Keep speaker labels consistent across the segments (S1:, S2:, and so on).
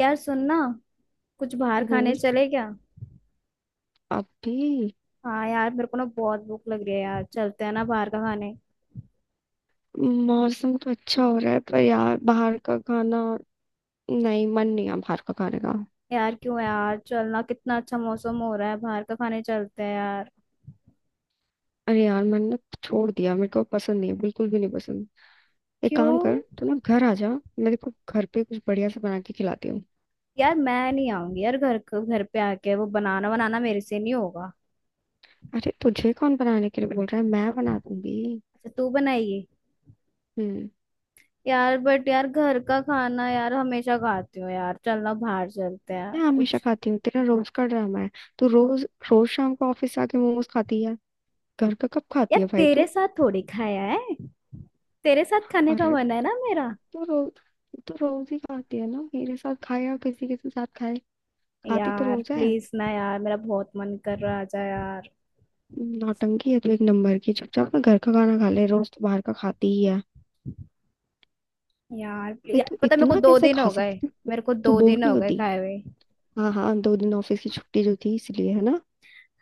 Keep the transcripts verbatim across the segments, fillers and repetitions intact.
S1: यार सुनना, कुछ बाहर
S2: वो
S1: खाने चले क्या।
S2: अभी
S1: हाँ यार, मेरे को ना बहुत भूख लग रही है यार, चलते हैं ना बाहर का खाने।
S2: मौसम तो अच्छा हो रहा है, पर यार बाहर का खाना। नहीं, मन नहीं है बाहर का खाने का।
S1: यार क्यों यार, चलना, कितना अच्छा मौसम हो रहा है, बाहर का खाने चलते हैं यार।
S2: अरे यार, मैंने छोड़ दिया। मेरे को पसंद नहीं है, बिल्कुल भी नहीं पसंद। एक
S1: क्यों?
S2: काम कर, तू ना घर आ जा। मैं तेरे को घर पे कुछ बढ़िया से बना के खिलाती हूँ।
S1: यार मैं नहीं आऊंगी यार, घर क- घर पे आके वो बनाना बनाना मेरे से नहीं होगा।
S2: अरे तुझे कौन बनाने के लिए बोल रहा है? मैं बना दूंगी।
S1: अच्छा तू बनाइए।
S2: हम्म
S1: यार बट यार घर का खाना यार हमेशा खाती हूँ यार, चलना बाहर चलते हैं
S2: मैं हमेशा
S1: कुछ।
S2: खाती हूँ? तेरा रोज का ड्रामा है। तू रोज रोज शाम को ऑफिस से आके मोमोज खाती है। घर का कब खाती
S1: यार
S2: है भाई
S1: तेरे
S2: तू?
S1: साथ थोड़ी खाया है, तेरे साथ खाने का
S2: अरे,
S1: मन है ना मेरा।
S2: तू तो रोज ही खाती है ना, मेरे साथ खाए या किसी के साथ खाए। खाती तो
S1: यार
S2: रोज है।
S1: प्लीज ना यार, मेरा बहुत मन कर रहा है, आजा यार।
S2: नौटंकी है तो एक नंबर की। चुपचाप ना घर का खाना खा ले, रोज तो बाहर का खाती ही है।
S1: यार प्लीज
S2: भाई
S1: यार,
S2: तू
S1: पता है, मेरे को
S2: इतना
S1: दो
S2: कैसे
S1: दिन
S2: खा
S1: हो गए।
S2: सकती है?
S1: मेरे को
S2: तू
S1: दो
S2: बोर
S1: दिन
S2: नहीं
S1: हो गए
S2: होती?
S1: खाए हुए।
S2: हाँ हाँ, दो दिन ऑफिस की छुट्टी जो थी इसलिए है ना।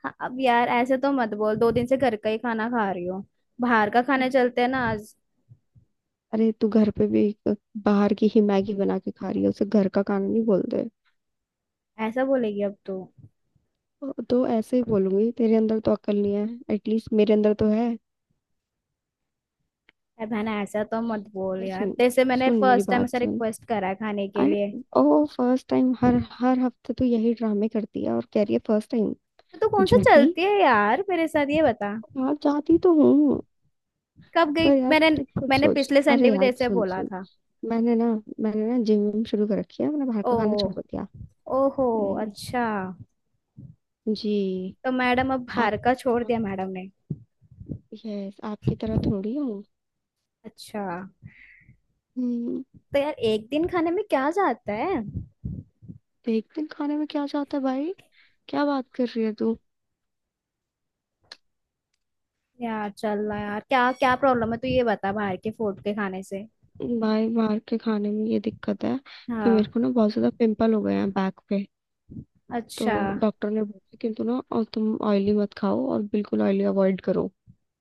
S1: हाँ, अब यार ऐसे तो मत बोल, दो दिन से घर का ही खाना खा रही हूँ। बाहर का खाने चलते हैं ना आज।
S2: अरे, तू घर पे भी एक बाहर की ही मैगी बना के खा रही है, उसे घर का खाना नहीं बोलते।
S1: ऐसा बोलेगी अब तू।
S2: तो तो ऐसे ही बोलूंगी। तेरे अंदर तो अक्ल नहीं है। एटलीस्ट मेरे अंदर तो है।
S1: अरे बहन ऐसा तो मत बोल यार,
S2: सुन,
S1: जैसे मैंने
S2: सुन मेरी
S1: फर्स्ट टाइम
S2: बात
S1: ऐसा
S2: सुन।
S1: रिक्वेस्ट करा है खाने के लिए।
S2: अरे ओ, फर्स्ट टाइम? हर हर हफ्ते तो यही ड्रामे करती है और कह रही है फर्स्ट टाइम।
S1: तो तू कौन सा
S2: झूठी।
S1: चलती है यार मेरे साथ, ये बता।
S2: यार जाती तो हूँ।
S1: कब
S2: पर
S1: गई
S2: यार
S1: मैंने?
S2: तू खुद
S1: मैंने
S2: सोच।
S1: पिछले संडे
S2: अरे
S1: भी
S2: यार,
S1: तेरे से
S2: सुन
S1: बोला
S2: सुन।
S1: था।
S2: मैंने ना मैंने ना जिम विम शुरू कर रखी है। मैंने बाहर
S1: ओ।
S2: का खाना छोड़ दिया।
S1: ओहो।
S2: हम्म।
S1: अच्छा।
S2: जी।
S1: तो मैडम अब
S2: आप
S1: बाहर का छोड़ दिया मैडम ने।
S2: यस, आपकी तरह थोड़ी हूँ।
S1: अच्छा।
S2: हम्म,
S1: तो यार एक दिन खाने में क्या जाता है।
S2: एक दिन खाने में क्या जाता है भाई? क्या बात कर रही है तू?
S1: यार चल रहा यार, क्या क्या प्रॉब्लम है तू ये बता बाहर के फूड के खाने से।
S2: भाई, बाहर के खाने में ये दिक्कत है कि मेरे
S1: हाँ।
S2: को ना बहुत ज्यादा पिंपल हो गए हैं बैक पे। तो
S1: अच्छा।
S2: डॉक्टर ने बोला कि तुम ना, और तुम ऑयली मत खाओ और बिल्कुल ऑयली अवॉइड करो,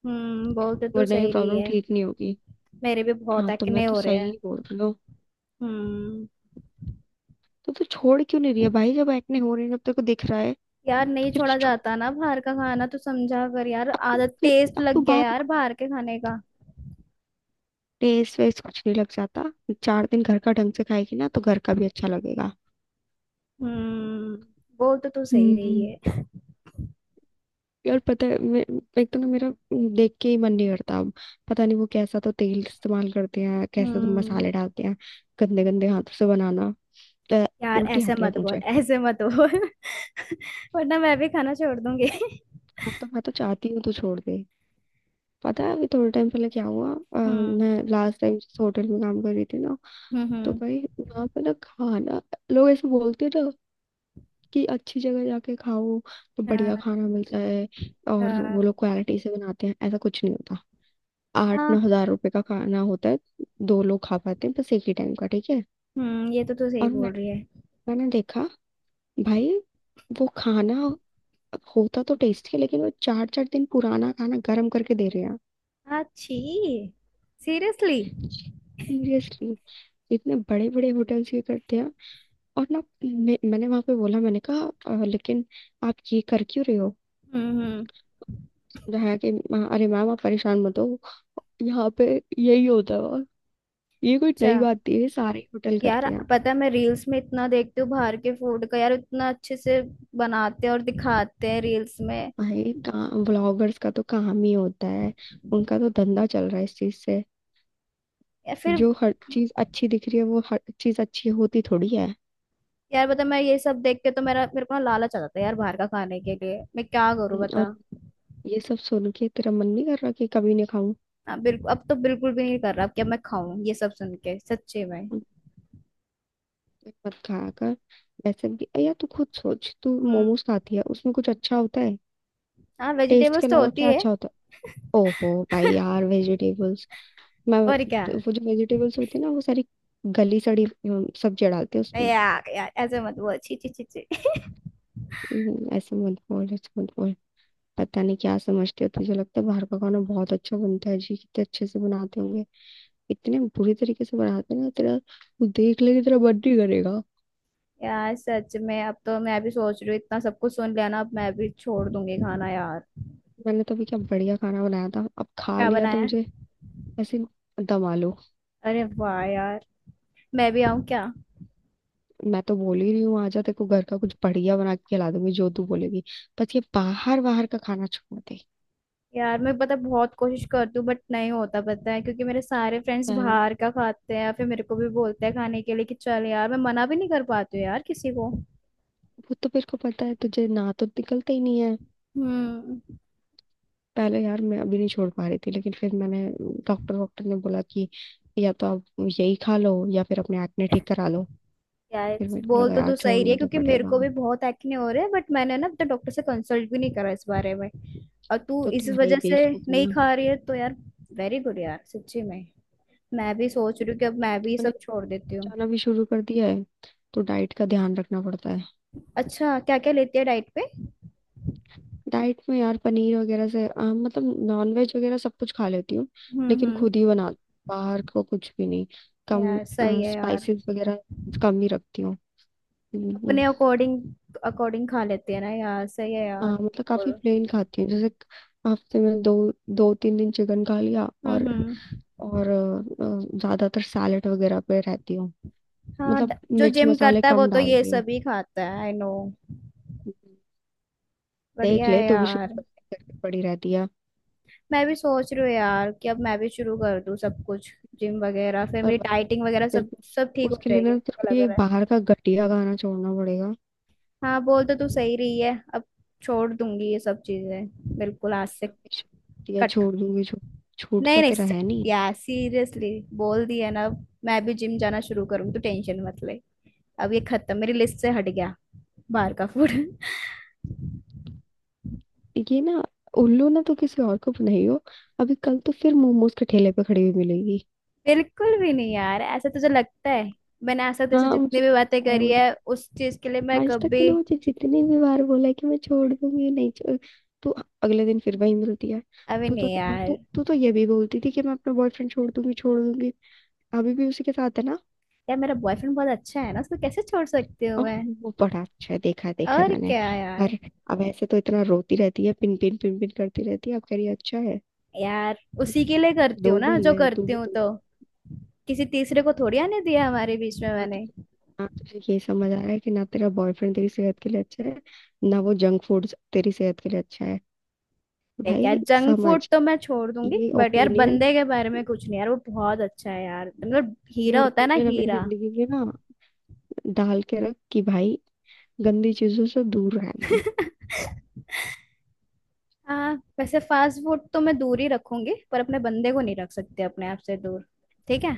S1: हम्म, बोलते तो
S2: वरना ये
S1: सही रही
S2: प्रॉब्लम
S1: है।
S2: ठीक नहीं होगी।
S1: मेरे भी बहुत
S2: हाँ, तो मैं
S1: एक्ने
S2: तो
S1: हो रहे
S2: सही
S1: हैं।
S2: ही बोल रही हूँ।
S1: हम्म।
S2: तो तू छोड़ क्यों नहीं रही है भाई, जब एक्ने हो रही है, जब तेरे को दिख रहा है?
S1: यार
S2: तो
S1: नहीं
S2: फिर
S1: छोड़ा
S2: क्यों छोड़,
S1: जाता ना बाहर का खाना, तो समझा कर यार,
S2: अब
S1: आदत
S2: तू
S1: टेस्ट
S2: अब तू
S1: लग गया
S2: बात
S1: यार
S2: मान।
S1: बाहर के खाने का।
S2: टेस्ट वेस्ट कुछ नहीं लग जाता। चार दिन घर का ढंग से खाएगी ना, तो घर का भी अच्छा लगेगा।
S1: हम्म, बोलते तो सही
S2: हम्म
S1: रही है।
S2: यार पता है, मैं, एक तो ना मेरा, देख के ही मन नहीं करता अब। पता नहीं वो कैसा तो तेल इस्तेमाल करते हैं, कैसे तो
S1: हम्म।
S2: मसाले डालते हैं। गंदे गंदे हाथों से बनाना, तो
S1: यार
S2: उल्टी
S1: ऐसे
S2: आती है
S1: मत
S2: अब
S1: बोल,
S2: मुझे।
S1: ऐसे मत बोल। वरना मैं भी खाना छोड़ दूंगी।
S2: हाँ तो मैं तो चाहती हूँ, तो छोड़ दे। पता है अभी थोड़े टाइम पहले क्या हुआ? अ,
S1: हम्म
S2: मैं लास्ट टाइम जिस होटल में काम कर रही थी ना,
S1: हम्म।
S2: तो
S1: हम्म।
S2: भाई वहाँ पे ना खाना, लोग ऐसे बोलते हैं ना कि अच्छी जगह जाके खाओ, तो बढ़िया
S1: हाँ।
S2: खाना मिलता है और वो
S1: हाँ।
S2: लोग क्वालिटी से बनाते हैं, ऐसा कुछ नहीं होता। आठ नौ
S1: हाँ,
S2: हजार रुपए का खाना होता है। दो लोग खा पाते हैं बस, एक ही टाइम का, ठीक है।
S1: हम्म, ये तो तू सही
S2: और
S1: बोल
S2: मैं,
S1: रही है।
S2: मैंने देखा, भाई, वो खाना होता तो टेस्टी है, लेकिन वो चार चार दिन पुराना खाना गर्म करके दे रहे हैं।
S1: अच्छी। सीरियसली।
S2: सीरियसली। इतने बड़े बड़े होटल्स ये करते हैं। और ना, मैं, मैंने वहां पे बोला, मैंने कहा, "अ, लेकिन आप ये कर क्यों रहे हो?"
S1: हम्म हम्म।
S2: जहाँ कि "मा- अरे मैम, आप परेशान मत हो, यहाँ पे यही होता है और ये कोई
S1: अच्छा।
S2: नई बात नहीं है, सारे होटल
S1: यार
S2: करते हैं।
S1: पता है मैं रील्स में इतना देखती हूँ बाहर के फूड का, यार इतना अच्छे से बनाते हैं और दिखाते हैं रील्स में।
S2: भाई, ब्लॉगर्स का तो काम ही होता है, उनका तो धंधा चल रहा है इस चीज से।
S1: या फिर।
S2: जो हर चीज अच्छी दिख रही है, वो हर चीज अच्छी होती थोड़ी है।
S1: यार बता, मैं ये सब देख के तो मेरा मेरे को ना लालच आ जाता है यार बाहर का खाने के लिए, मैं क्या करूँ
S2: हम्म, और
S1: बता।
S2: ये सब सुन के तेरा मन नहीं कर रहा कि कभी नहीं खाऊं?
S1: हाँ बिल्कुल, अब तो बिल्कुल भी नहीं कर रहा, अब क्या मैं खाऊं ये सब सुन के सच्चे में।
S2: हम्म, मत खाया कर। वैसे भी या तू खुद सोच, तू
S1: हम्म।
S2: मोमोज खाती है, उसमें कुछ अच्छा होता है?
S1: हाँ
S2: टेस्ट के
S1: वेजिटेबल्स तो
S2: अलावा
S1: होती
S2: क्या
S1: है।
S2: अच्छा होता है? ओहो भाई यार, वेजिटेबल्स। मैं,
S1: और क्या
S2: तो वो जो वेजिटेबल्स होती है ना, वो सारी गली सड़ी अम, सब्जियां डालते हैं उसमें।
S1: यार। यार ऐसे मत बोल, छी छी छी छी।
S2: हम्म, ऐसे मत बोल ऐसे मत बोल। पता नहीं क्या समझते हो, तुझे लगता है बाहर का खाना बहुत अच्छा बनता है? जी, कितने अच्छे से बनाते होंगे। इतने बुरी तरीके से बनाते हैं ना, तेरा वो देख लेगी, तेरा मन नहीं करेगा।
S1: यार सच में अब तो मैं भी सोच रही हूँ, इतना सब कुछ सुन लिया ना, अब मैं भी छोड़ दूंगी खाना यार।
S2: मैंने तो अभी क्या बढ़िया खाना बनाया था, अब खा
S1: क्या
S2: लिया
S1: बनाया
S2: तो
S1: है?
S2: मुझे, ऐसे, दम आलू।
S1: अरे वाह यार। मैं भी आऊँ क्या।
S2: मैं तो बोल ही रही हूँ, आजा, तेरे को घर का कुछ बढ़िया बना के खिला दूंगी जो तू बोलेगी। बस ये बाहर बाहर का खाना छोड़ दे।
S1: यार मैं पता बहुत कोशिश करती हूँ बट नहीं होता पता है, क्योंकि मेरे सारे फ्रेंड्स
S2: पहले-
S1: बाहर का खाते हैं या फिर मेरे को भी बोलते हैं खाने के लिए कि चल यार, मैं मना भी नहीं कर पाती हूँ यार किसी को।
S2: वो तो मेरे को पता है, तुझे ना तो निकलता ही नहीं है।
S1: हम्म।
S2: पहले यार मैं अभी नहीं छोड़ पा रही थी, लेकिन फिर मैंने, डॉक्टर डॉक्टर ने बोला कि या तो आप यही खा लो, या फिर अपने एक्ने ठीक करा लो।
S1: यार
S2: फिर मेरे को
S1: बोल
S2: लगा
S1: तो
S2: यार,
S1: तू सही रही है,
S2: छोड़ना तो
S1: क्योंकि मेरे
S2: पड़ेगा।
S1: को भी बहुत एक्ने हो रहे हैं, बट मैंने ना अब तक डॉक्टर से कंसल्ट भी नहीं करा इस बारे में। और तू
S2: तो
S1: इस
S2: तुम है ही
S1: वजह से
S2: बेवकूफ हो
S1: नहीं
S2: ना।
S1: खा रही है तो यार। वेरी गुड यार, सच्ची में। मैं भी सोच रही हूँ कि अब
S2: एक
S1: मैं भी
S2: तो
S1: ये
S2: मैंने
S1: सब छोड़ देती हूँ।
S2: जाना भी शुरू कर दिया है, तो डाइट का ध्यान रखना पड़ता है।
S1: अच्छा क्या क्या लेती है डाइट पे।
S2: डाइट में यार पनीर वगैरह से, अ, मतलब नॉनवेज वगैरह सब कुछ खा लेती हूँ।
S1: हम्म
S2: लेकिन
S1: हम्म।
S2: खुद ही बना, बाहर को कुछ भी नहीं। कम
S1: यार सही है यार।
S2: स्पाइसेस वगैरह कम ही रखती हूँ।
S1: अपने अकॉर्डिंग अकॉर्डिंग खा लेते हैं ना यार, सही है यार।
S2: हाँ, मतलब काफी
S1: बोल।
S2: प्लेन खाती हूँ, जैसे हफ्ते में दो दो तीन दिन चिकन खा लिया
S1: हम्म
S2: और
S1: हम्म।
S2: और अ, अ, ज्यादातर सैलेड वगैरह पे रहती हूँ।
S1: हाँ,
S2: मतलब
S1: ड- जो
S2: मिर्च
S1: जिम
S2: मसाले
S1: करता है वो
S2: कम
S1: तो ये
S2: डालती हूँ।
S1: सब ही खाता है, आई नो।
S2: देख
S1: बढ़िया है
S2: ले, तू भी
S1: यार।
S2: शुगर करके पड़ी रहती है
S1: मैं भी सोच रही हूँ यार कि अब मैं भी शुरू कर दूँ सब कुछ, जिम वगैरह, फिर
S2: और
S1: मेरी
S2: बस।
S1: डाइटिंग वगैरह
S2: तेरे
S1: सब,
S2: को,
S1: सब ठीक हो
S2: उसके लिए
S1: जाएगी
S2: ना
S1: मुझे
S2: तेरे
S1: तो
S2: को
S1: लग
S2: ये
S1: रहा है।
S2: बाहर का घटिया खाना छोड़ना पड़ेगा।
S1: हाँ बोल तो तू सही रही है, अब छोड़ दूंगी ये सब चीजें बिल्कुल आज से।
S2: घटिया
S1: कट।
S2: छोड़ दूंगी, छो,
S1: नहीं
S2: छूटता
S1: नहीं
S2: तेरा
S1: स-
S2: है नहीं।
S1: यार सीरियसली, बोल दिया ना, अब मैं भी जिम जाना शुरू करूंगी तो टेंशन मत ले। अब ये खत्म, मेरी लिस्ट से हट गया बाहर का फूड।
S2: ये ना, उल्लू ना तो किसी और को नहीं हो। अभी कल तो फिर मोमोज के ठेले पे खड़ी हुई मिलेगी।
S1: बिल्कुल भी नहीं यार, ऐसा तुझे लगता है। मैंने आज तक जैसे
S2: हाँ,
S1: जितनी
S2: मुझे
S1: भी बातें करी है उस चीज के लिए मैं
S2: आज तक
S1: कभी।
S2: तूने मुझे जितनी भी बार बोला है कि मैं छोड़ दूंगी, नहीं छोड़। तू अगले दिन फिर वही मिलती है।
S1: अभी
S2: तू तो
S1: नहीं
S2: क्या-
S1: यार।
S2: तू तू तो ये भी बोलती थी कि मैं अपना बॉयफ्रेंड छोड़ दूंगी छोड़ दूंगी। अभी भी उसी के साथ है ना।
S1: यार मेरा बॉयफ्रेंड बहुत अच्छा है ना, उसको कैसे छोड़ सकती हूँ
S2: ओह,
S1: मैं।
S2: वो बड़ा अच्छा है, देखा है देखा है
S1: और
S2: मैंने।
S1: क्या यार।
S2: पर अब ऐसे तो इतना रोती रहती है, पिन पिन पिन पिन करती रहती है, अब कह रही है, अच्छा है।
S1: यार उसी के लिए करती हूँ
S2: दो भी
S1: ना जो
S2: लिया है, तू
S1: करती
S2: भी
S1: हूँ
S2: दो।
S1: तो। किसी तीसरे को थोड़ी आने दिया हमारे बीच में
S2: हाँ, तो
S1: मैंने।
S2: ना तुझे ये समझ आ रहा है कि ना तेरा बॉयफ्रेंड तेरी सेहत के लिए अच्छा है, ना वो जंक फूड तेरी सेहत के लिए अच्छा है।
S1: देख यार,
S2: भाई
S1: जंक
S2: समझ,
S1: फूड तो मैं छोड़ दूंगी
S2: ये
S1: बट यार
S2: ओपिनियन
S1: बंदे के बारे में कुछ नहीं, यार वो बहुत अच्छा है यार, मतलब
S2: ये
S1: हीरा होता है ना
S2: ओपिनियन अपनी
S1: हीरा।
S2: जिंदगी में ना डाल के रख कि भाई, गंदी चीजों से दूर रहना है।
S1: हाँ। वैसे फास्ट फूड तो मैं दूर ही रखूंगी, पर अपने बंदे को नहीं रख सकती अपने आप से दूर। ठीक है।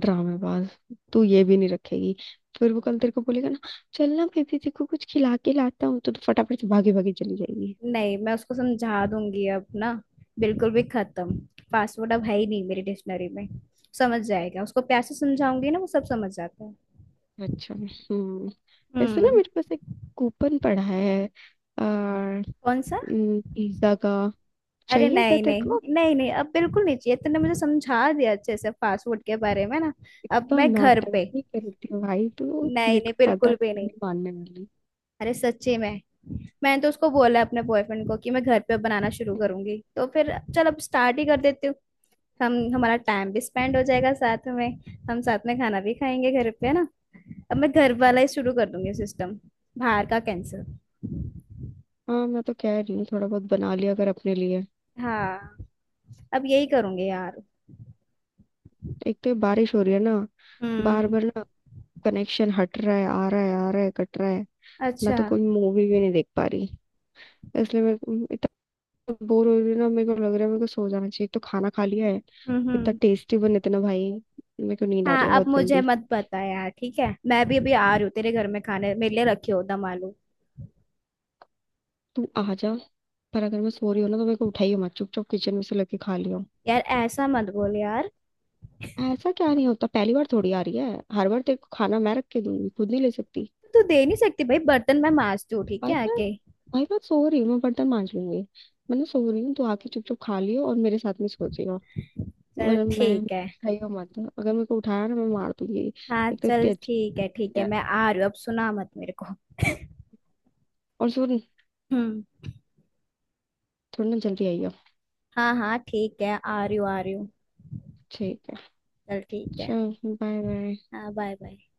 S2: ड्रामेबाज, तू ये भी नहीं रखेगी। फिर वो कल तेरे को बोलेगा ना, चल ना बेबी, देखो कुछ खिला के लाता हूँ, तो, तो फटाफट से भागी भागी चली जाएगी।
S1: नहीं मैं उसको समझा दूंगी अब ना, बिल्कुल भी खत्म, पासवर्ड अब है ही नहीं मेरी डिक्शनरी में। समझ जाएगा, उसको प्यार से समझाऊंगी ना, वो सब समझ जाता है।
S2: अच्छा। हम्म वैसे ना,
S1: हम्म।
S2: मेरे पास एक कूपन पड़ा है, आ,
S1: कौन सा?
S2: पिज्जा का।
S1: अरे
S2: चाहिए क्या
S1: नहीं
S2: तेरे
S1: नहीं
S2: को?
S1: नहीं नहीं, अब बिल्कुल नहीं चाहिए, तूने मुझे समझा दिया अच्छे से पासवर्ड के बारे में ना। अब
S2: तो
S1: मैं घर पे।
S2: नौटंकी करती हूँ भाई, तू
S1: नहीं
S2: मेरे
S1: नहीं
S2: को पता
S1: बिल्कुल
S2: है
S1: भी
S2: तू
S1: नहीं।
S2: नहीं मानने वाली।
S1: अरे सच्ची में। मैंने तो उसको बोला अपने बॉयफ्रेंड को कि मैं घर पे बनाना शुरू करूंगी, तो फिर चल अब स्टार्ट ही कर देती हूँ। हम हमारा टाइम भी स्पेंड हो जाएगा साथ में, हम साथ में खाना भी खाएंगे घर पे, है ना। अब मैं घर वाला ही शुरू कर दूंगी सिस्टम, बाहर का कैंसिल।
S2: हाँ, मैं तो कह रही हूँ थोड़ा बहुत बना लिया अगर अपने लिए।
S1: हाँ, अब यही करूंगी यार।
S2: एक तो ये बारिश हो रही है ना, बार
S1: हम्म।
S2: बार ना कनेक्शन हट रहा है, आ रहा है, आ रहा है, कट रहा है। मैं
S1: अच्छा।
S2: तो कोई मूवी भी नहीं देख पा रही, इसलिए मैं म, इतना बोर हो रही हूँ ना। मेरे को लग रहा है मेरे को सो जाना चाहिए, एक तो खाना खा लिया है
S1: हम्म
S2: इतना
S1: हम्म।
S2: टेस्टी बने थे ना भाई। मेरे को नींद आ रही है
S1: हाँ अब
S2: बहुत
S1: मुझे
S2: गंदी।
S1: मत बता यार, ठीक है मैं भी अभी आ रही हूँ तेरे घर में खाने, मेरे लिए रखी हो दम आलू।
S2: तू आ जा, पर अगर मैं सो रही हूँ ना तो मेरे को उठाइयो मत, चुपचाप किचन में से लेके खा लियो।
S1: यार ऐसा मत बोल यार।
S2: ऐसा क्या नहीं होता, पहली बार थोड़ी आ रही है? हर बार तेरे को खाना मैं रख के दूंगी, खुद नहीं ले सकती?
S1: तू दे नहीं सकती भाई, बर्तन मैं मांजती हूँ ठीक
S2: भाई
S1: है
S2: मैं
S1: आके।
S2: भाई मैं सो रही हूँ, मैं बर्तन मांज लूंगी। मैंने सो रही हूँ, तो आके चुप चुप खा लियो और मेरे साथ में सो जियो।
S1: चल
S2: वरना मैं
S1: ठीक है।
S2: खाइयो मत, अगर मेरे को उठाया ना मैं मार दूंगी।
S1: हाँ
S2: एक तो इतनी
S1: चल
S2: अच्छी
S1: ठीक है, ठीक है
S2: है।
S1: मैं आ रही हूँ, अब सुना मत मेरे को।
S2: और सुन,
S1: हम्म।
S2: थोड़ी ना जल्दी आइयो।
S1: हाँ हाँ ठीक है, आ रही हूँ आ रही हूँ।
S2: ठीक है।
S1: चल ठीक है।
S2: चल, बाय बाय।
S1: हाँ बाय बाय।